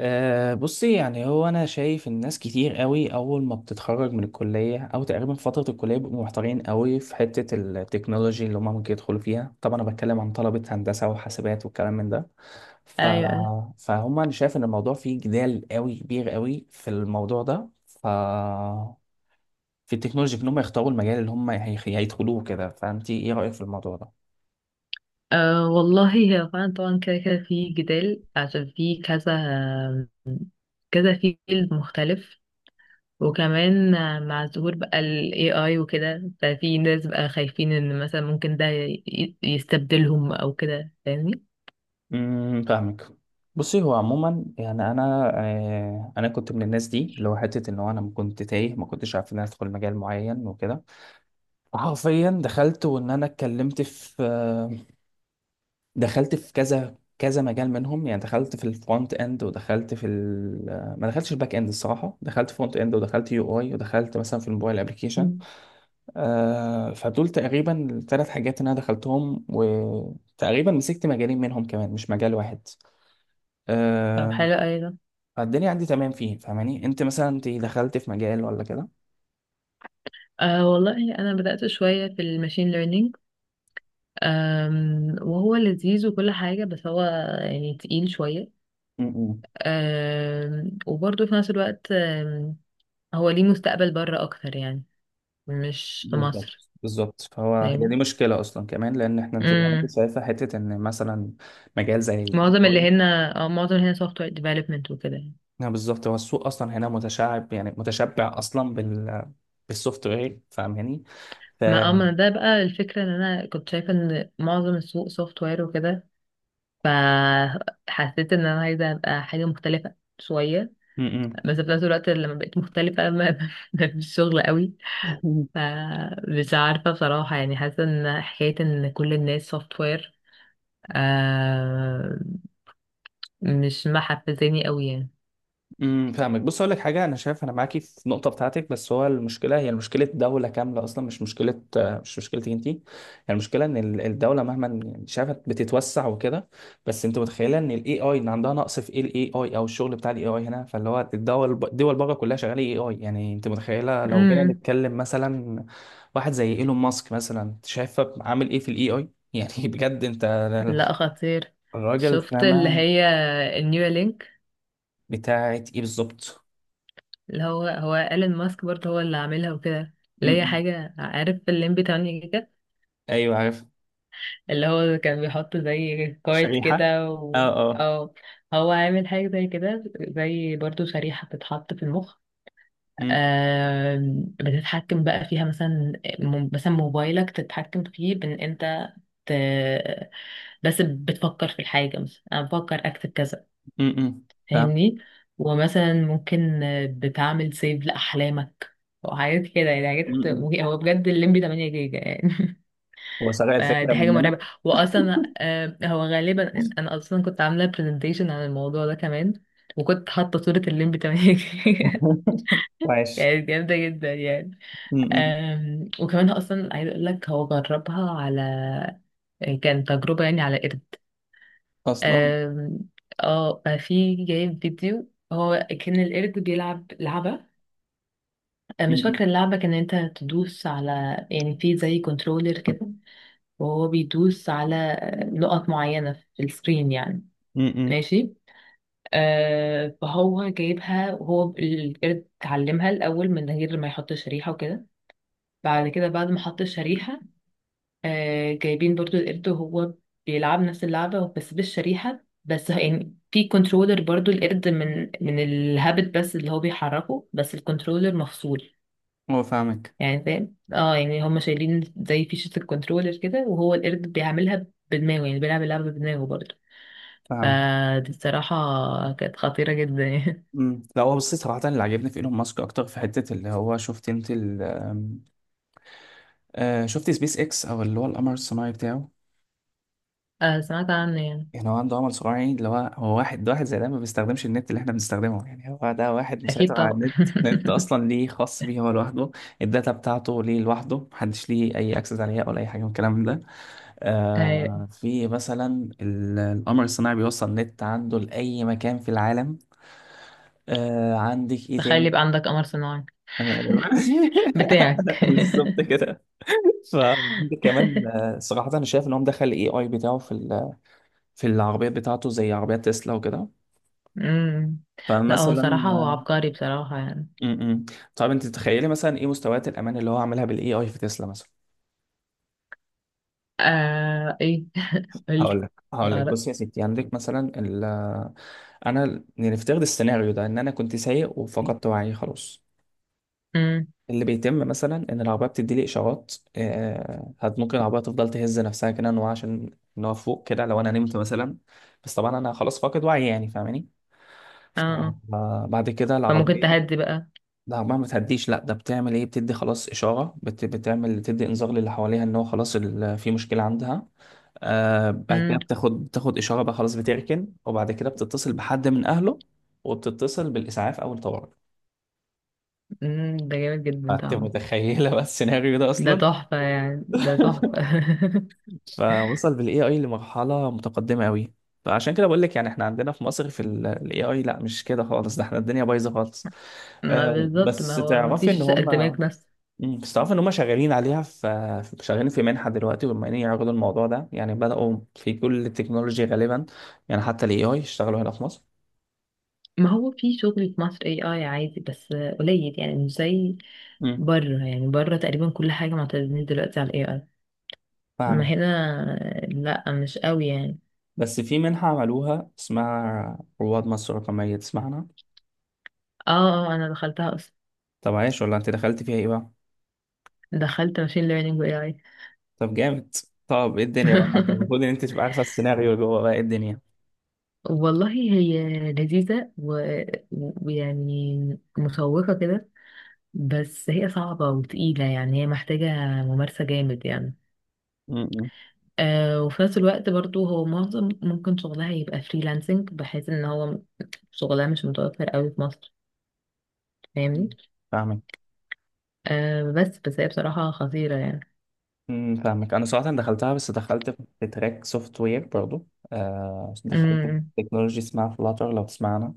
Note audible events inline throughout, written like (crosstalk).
بصي، يعني هو انا شايف الناس كتير قوي اول ما بتتخرج من الكليه او تقريبا في فتره الكليه، بيبقوا محتارين قوي في حته التكنولوجي اللي هم ممكن يدخلوا فيها. طبعا انا بتكلم عن طلبه هندسه وحاسبات والكلام من ده. ف... ايوه. فهم انا شايف ان الموضوع فيه جدال قوي كبير قوي في الموضوع ده. في التكنولوجي، في ان هم يختاروا المجال اللي هم هيدخلوه كده. فانت ايه رايك في الموضوع ده؟ أه والله هي فعلا طبعا كده كده في جدال عشان في كذا كذا فيل مختلف. وكمان مع ظهور بقى ال AI وكده. ففي ناس بقى خايفين ان مثلا ممكن ده يستبدلهم او كده، فاهمني. فاهمك. بصي هو عموما، يعني انا كنت من الناس دي، اللي هو حته ان هو انا كنت تايه، ما كنتش عارف ان انا ادخل مجال معين وكده. حرفيا دخلت، وان انا اتكلمت في آه دخلت في كذا كذا مجال منهم. يعني دخلت في الفرونت اند، ودخلت في ال آه، ما دخلتش الباك اند الصراحه، دخلت فرونت اند، ودخلت يو اي، ودخلت مثلا في الموبايل ابلكيشن. مم. فدول تقريبا الثلاث حاجات اللي انا دخلتهم، وتقريبا مسكت مجالين منهم كمان، مش مجال واحد. طب آه، حلو ايضا. فالدنيا عندي تمام فيه، فاهماني؟ انت مثلا انت دخلت في مجال ولا كده؟ أه والله انا بدأت شوية في الماشين ليرنينج. وهو لذيذ وكل حاجة، بس هو يعني تقيل شوية. امم وبرضه في نفس الوقت هو ليه مستقبل بره اكتر، يعني مش في مصر. بالظبط، بالظبط. فهو هي دي فاهم. مشكلة أصلا كمان، لأن إحنا، أنت زي ما أنت امم. شايفة، حتة إن مثلا مجال زي ال AI. معظم اللي هنا سوفت وير ديفلوبمنت وكده يعني. نعم بالظبط، هو السوق أصلا هنا متشعب، يعني متشبع أصلا بالسوفت وير، فاهماني؟ ف ما اما ده بقى الفكرة ان انا كنت شايفة ان معظم السوق سوفت وير وكده، فحسيت ان انا عايزة ابقى حاجة مختلفة شوية. م- بس في نفس الوقت لما بقيت مختلفة، ما (laughs) ما فيش شغل قوي. م. (laughs) فمش عارفة بصراحة، يعني حاسة ان حكاية ان كل الناس سوفت وير آه مش محفزاني قوي فاهمك. بص اقول لك حاجه، انا شايف انا معاكي في النقطه بتاعتك، بس هو المشكله هي مشكله دوله كامله اصلا، مش مشكلتك انت، هي المشكله ان الدوله مهما يعني شافت بتتوسع وكده. بس انت متخيله ان الاي اي، ان عندها نقص في ايه الاي اي او الشغل بتاع الاي اي هنا؟ فاللي هو الدول بره كلها شغاله اي اي. يعني انت متخيله لو جينا يعني. نتكلم مثلا واحد زي ايلون ماسك مثلا، شايفه عامل ايه في الاي اي؟ يعني (laughs) بجد، انت لا، خطير. الراجل شفت اللي فاهمه هي النيو لينك، بتاعت ايه بالظبط؟ اللي هو ايلون ماسك برضه هو اللي عاملها وكده، م- اللي هي م. حاجة. عارف الليمبي 8 جيجا؟ ايوه عارف. اللي هو كان بيحط زي كارت شريحة، كده اه اه. أو هو عامل حاجة زي كده، زي برضه شريحة بتتحط في المخ. م- بتتحكم بقى فيها، مثلا مثلا موبايلك تتحكم فيه بان انت ت... بس بتفكر في الحاجة، مثلا انا بفكر اكتب كذا، م- م. فاهم. فاهمني. ومثلا ممكن بتعمل سيف لأحلامك وحاجات كده، يعني م- حاجات م. هو بجد الليمبي 8 جيجا يعني. هو سرق (laughs) الفكرة فدي حاجة مننا. مرعبة. وأصلا هو غالبا أنا أصلا كنت عاملة برزنتيشن عن الموضوع ده كمان، وكنت حاطة صورة الليمبي 8 جيجا. (laughs) (laughs) وعاش. كانت جامدة جدا يعني. م- م. وكمان هو أصلا عايز أقول لك، هو جربها على، كان تجربة يعني على قرد. اصلا. آم، اه ففي جايب فيديو، هو كان القرد بيلعب لعبة. م- مش م. فاكرة اللعبة، كان انت تدوس على يعني، في زي كنترولر كده وهو بيدوس على نقط معينة في السكرين يعني. م- م. ماشي. فهو جايبها، وهو القرد اتعلمها الأول من غير ما يحط شريحة وكده. بعد كده بعد ما حط الشريحة، جايبين برضو القرد وهو بيلعب نفس اللعبة بس بالشريحة، بس يعني في كنترولر برضو القرد من الهابت، بس اللي هو بيحركه، بس الكنترولر مفصول هو فاهمك. يعني، فاهم. اه يعني هم شايلين زي فيشة الكنترولر كده، وهو القرد بيعملها بدماغه، يعني بيلعب اللعبة بدماغه برضه. فاهمك. فدي الصراحة كانت خطيرة جدا يعني. لا هو، بصي صراحة اللي عجبني في ايلون ماسك اكتر في حتة اللي هو، شفت انت ال آم، آه شفت سبيس اكس او اللي هو القمر الصناعي بتاعه. (laughs) سمعت عنه يعني. يعني هو عنده عمل صناعي، يعني اللي هو واحد ده واحد زي ده، ما بيستخدمش النت اللي احنا بنستخدمه. يعني هو ده واحد أكيد مسيطر على طبعا. النت. نت اصلا ليه خاص بيه هو لوحده، الداتا بتاعته ليه لوحده، محدش ليه اي اكسس عليها ولا اي حاجه من الكلام ده. (laughs) أيوة. في مثلا القمر الصناعي بيوصل نت عنده لاي مكان في العالم. عندك ايه تخيل تاني؟ يبقى عندك قمر صناعي (laughs) بتاعك. (laughs) بالظبط كده. فعندك كمان، صراحة أنا شايف إن هو مدخل ال AI بتاعه في في العربيات بتاعته، زي عربيات تسلا وكده. أمم. لا هو فمثلا. صراحة هو عبقري بصراحة يعني. م-م. طب انت تتخيلي مثلا ايه مستويات الامان اللي هو عاملها بالاي اي في تسلا مثلا؟ ايه؟ (laughs) قلت هقول لك. بقى بص يا ستي، عندك مثلا انا نفترض السيناريو ده ان انا كنت سايق رأيي. وفقدت وعي خلاص. أمم. اللي بيتم مثلا ان العربيه بتدي لي اشارات. ممكن العربيه تفضل تهز نفسها كده، ان هو عشان ان هو فوق كده لو انا نمت مثلا، بس طبعا انا خلاص فاقد وعي، يعني فاهماني. اه آه. فبعد كده فممكن العربيه، تهدي بقى. لا عمرها ما تهديش، لا، ده بتعمل ايه، بتدي خلاص اشاره، بتعمل تدي انذار للي حواليها ان هو خلاص في مشكله عندها. بعد كده أمم. بتاخد اشاره بقى خلاص بتركن، وبعد كده بتتصل بحد من اهله، وبتتصل بالاسعاف او الطوارئ. أمم. ده جامد جدا انت طبعا. متخيله بقى السيناريو ده ده اصلا؟ تحفة، يعني ده تحفة. (laughs) (laughs) فوصل بالاي اي لمرحله متقدمه قوي. فعشان كده بقول لك، يعني احنا عندنا في مصر في الاي اي، لا مش كده خالص، ده احنا الدنيا بايظه خالص. ما بالظبط، بس ما هو ما تعرفي ان فيش هم، دماغ نفس. بس تعرف ان هم شغالين عليها، شغالين في منحه دلوقتي، وبما ان يعرضوا الموضوع ده، يعني بداوا في كل التكنولوجي غالبا، يعني حتى الاي اي اشتغلوا هنا في مصر. ما هو في شغل في مصر اي اي عادي، بس قليل يعني، مش زي امم بره. يعني بره تقريبا كل حاجة معتمدين دلوقتي على الاي اي. ما فاهمك. هنا لا، مش قوي يعني. بس في منحه عملوها اسمها رواد مصر الرقميه، تسمعنا؟ اه اه، انا دخلتها اصلا. طب عايش، ولا انت دخلت فيها ايه بقى؟ دخلت ماشين ليرنينج واي اي. طب جامد. طب ايه الدنيا بقى، ما انت المفروض ان (laughs) انت تبقى عارفه السيناريو اللي جوه، بقى ايه الدنيا؟ والله هي لذيذة ويعني مشوقة كده، بس هي صعبة وتقيلة، يعني هي محتاجة ممارسة جامد يعني. امم وفي نفس الوقت برضو هو معظم ممكن شغلها يبقى فريلانسنج، بحيث ان هو شغلها مش متوفر قوي في مصر، فاهمني. فاهمك. بس هي بصراحة خطيرة يعني. فاهمك. انا صراحه دخلتها، بس دخلت في تراك سوفت وير برضو. دخلت امم. في تكنولوجي اسمها فلاتر، لو تسمعنا.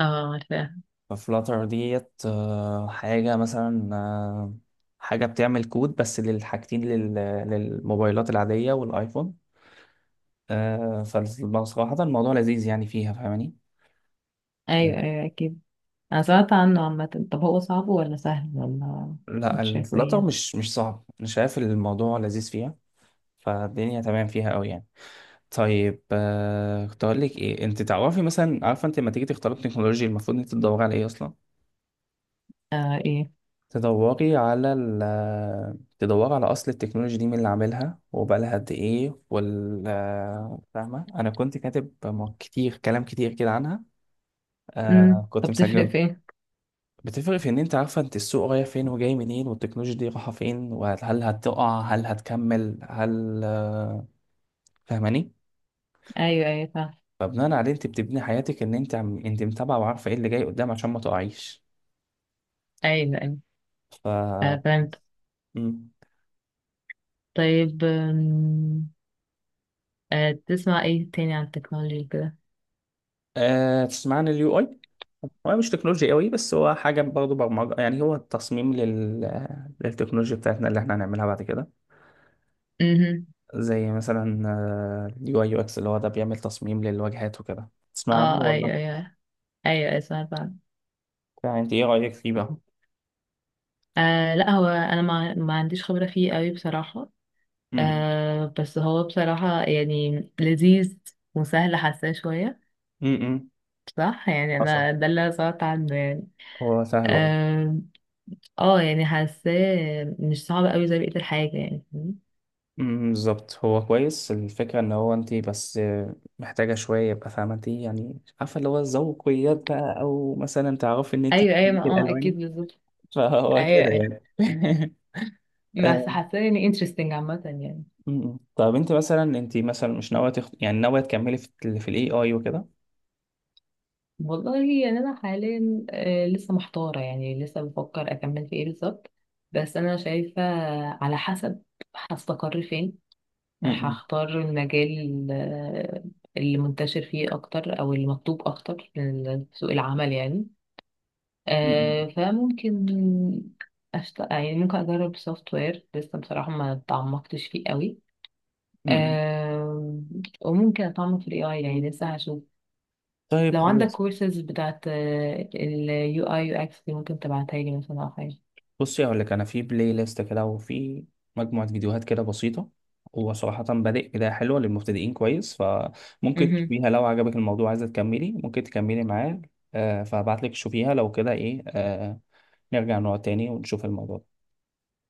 اه، عارفاها. ففلاتر ديت، حاجة مثلا، حاجة بتعمل كود بس للحاجتين، للموبايلات العادية والآيفون. فبصراحة الموضوع لذيذ يعني فيها، فاهماني؟ ايوه آه، ايوه اكيد. انا سمعت عنه عامة، طب هو صعب ولا سهل ولا؟ لا، انت شايفه ايه الفلاتر يعني؟ مش صعب، أنا شايف الموضوع لذيذ فيها، فالدنيا تمام فيها أوي يعني. طيب، كنت أقول لك إيه، أنت تعرفي مثلا، عارفة أنت لما تيجي تختاري التكنولوجيا، المفروض أنت تدوري على إيه أصلا؟ آه ايه. تدوري على أصل التكنولوجيا دي، مين اللي عاملها، وبقالها قد إيه، فاهمة؟ أنا كنت كاتب كتير، كلام كتير كده عنها. امم. كنت طب تفرق مسجل. في ايه؟ بتفرق في إن أنت عارفة أنت السوق رايح فين وجاي منين، والتكنولوجيا دي رايحة فين، وهل هتقع، هل هتكمل، هل آه، فاهماني؟ ايوه ايوه فاهم. فبناء عليه، أنت بتبني حياتك إن أنت أنت متابعة وعارفة إيه اللي جاي قدام، عشان ما تقعيش. ايوه ايوه، ف فهمت. مم. طيب، تسمع ايه تاني عن التكنولوجي كده؟ تسمع عن اليو اي؟ هو مش تكنولوجيا قوي، بس هو حاجة برضه برمجة، يعني هو التصميم للتكنولوجيا بتاعتنا اللي احنا هنعملها بعد كده. امم. زي مثلا اليو اي يو اكس، اللي هو ده بيعمل تصميم للواجهات وكده. تسمع عنه اه، ولا؟ ايوه ايوه. ايوه ايوه سمعت عنه. يعني انت ايه رأيك فيه بقى؟ لا، هو انا ما عنديش خبرة فيه قوي بصراحة. امم. بس هو بصراحة يعني لذيذ وسهل، حاساه شوية امم. صح يعني. حصل. انا ده اللي أنا سمعت عنه يعني. هو سهل، اه. اه. يعني حاساه مش صعب قوي زي بقية الحاجة، يعني فاهمني؟ بالظبط، هو كويس. الفكرة ان هو، انت بس، محتاجة شوية يبقى فاهمة انت، يعني عارفة اللي هو الذوقيات بقى، او مثلا تعرفي ان انت ايوه ايوه، ما تدمجي الالوان. اكيد بالظبط. فهو ايوه كده ايوه، يعني. (laughs) بس آه، حاساه يعني interesting عامة يعني. م-م. طب انت مثلا مش ناويه يعني ناويه تكملي في في الاي اي وكده؟ والله يعني انا حاليا لسه محتارة، يعني لسه بفكر اكمل في ايه بالظبط. بس انا شايفة، على حسب هستقر فين م-م. هختار المجال اللي منتشر فيه أكتر أو اللي مطلوب أكتر في سوق العمل يعني. م-م. فممكن يعني ممكن أجرب سوفت وير، لسه بصراحة ما تعمقتش فيه قوي. م-م. آه، وممكن أتعمق في ال AI، يعني لسه هشوف. طيب لو عندك خلاص. كورسز بتاعت ال UI UX دي، ممكن تبعتها لي مثلا أو حاجة بصي هقول لك، انا في بلاي ليست كده، وفي مجموعه فيديوهات كده بسيطه، هو صراحة بادئ بداية حلوة للمبتدئين كويس. فممكن مهم. تشوفيها، لو عجبك الموضوع عايزة تكملي ممكن تكملي معاه. فهبعت لك تشوفيها، لو كده ايه، نرجع نقعد تاني ونشوف الموضوع.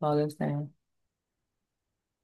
خلاص تمام.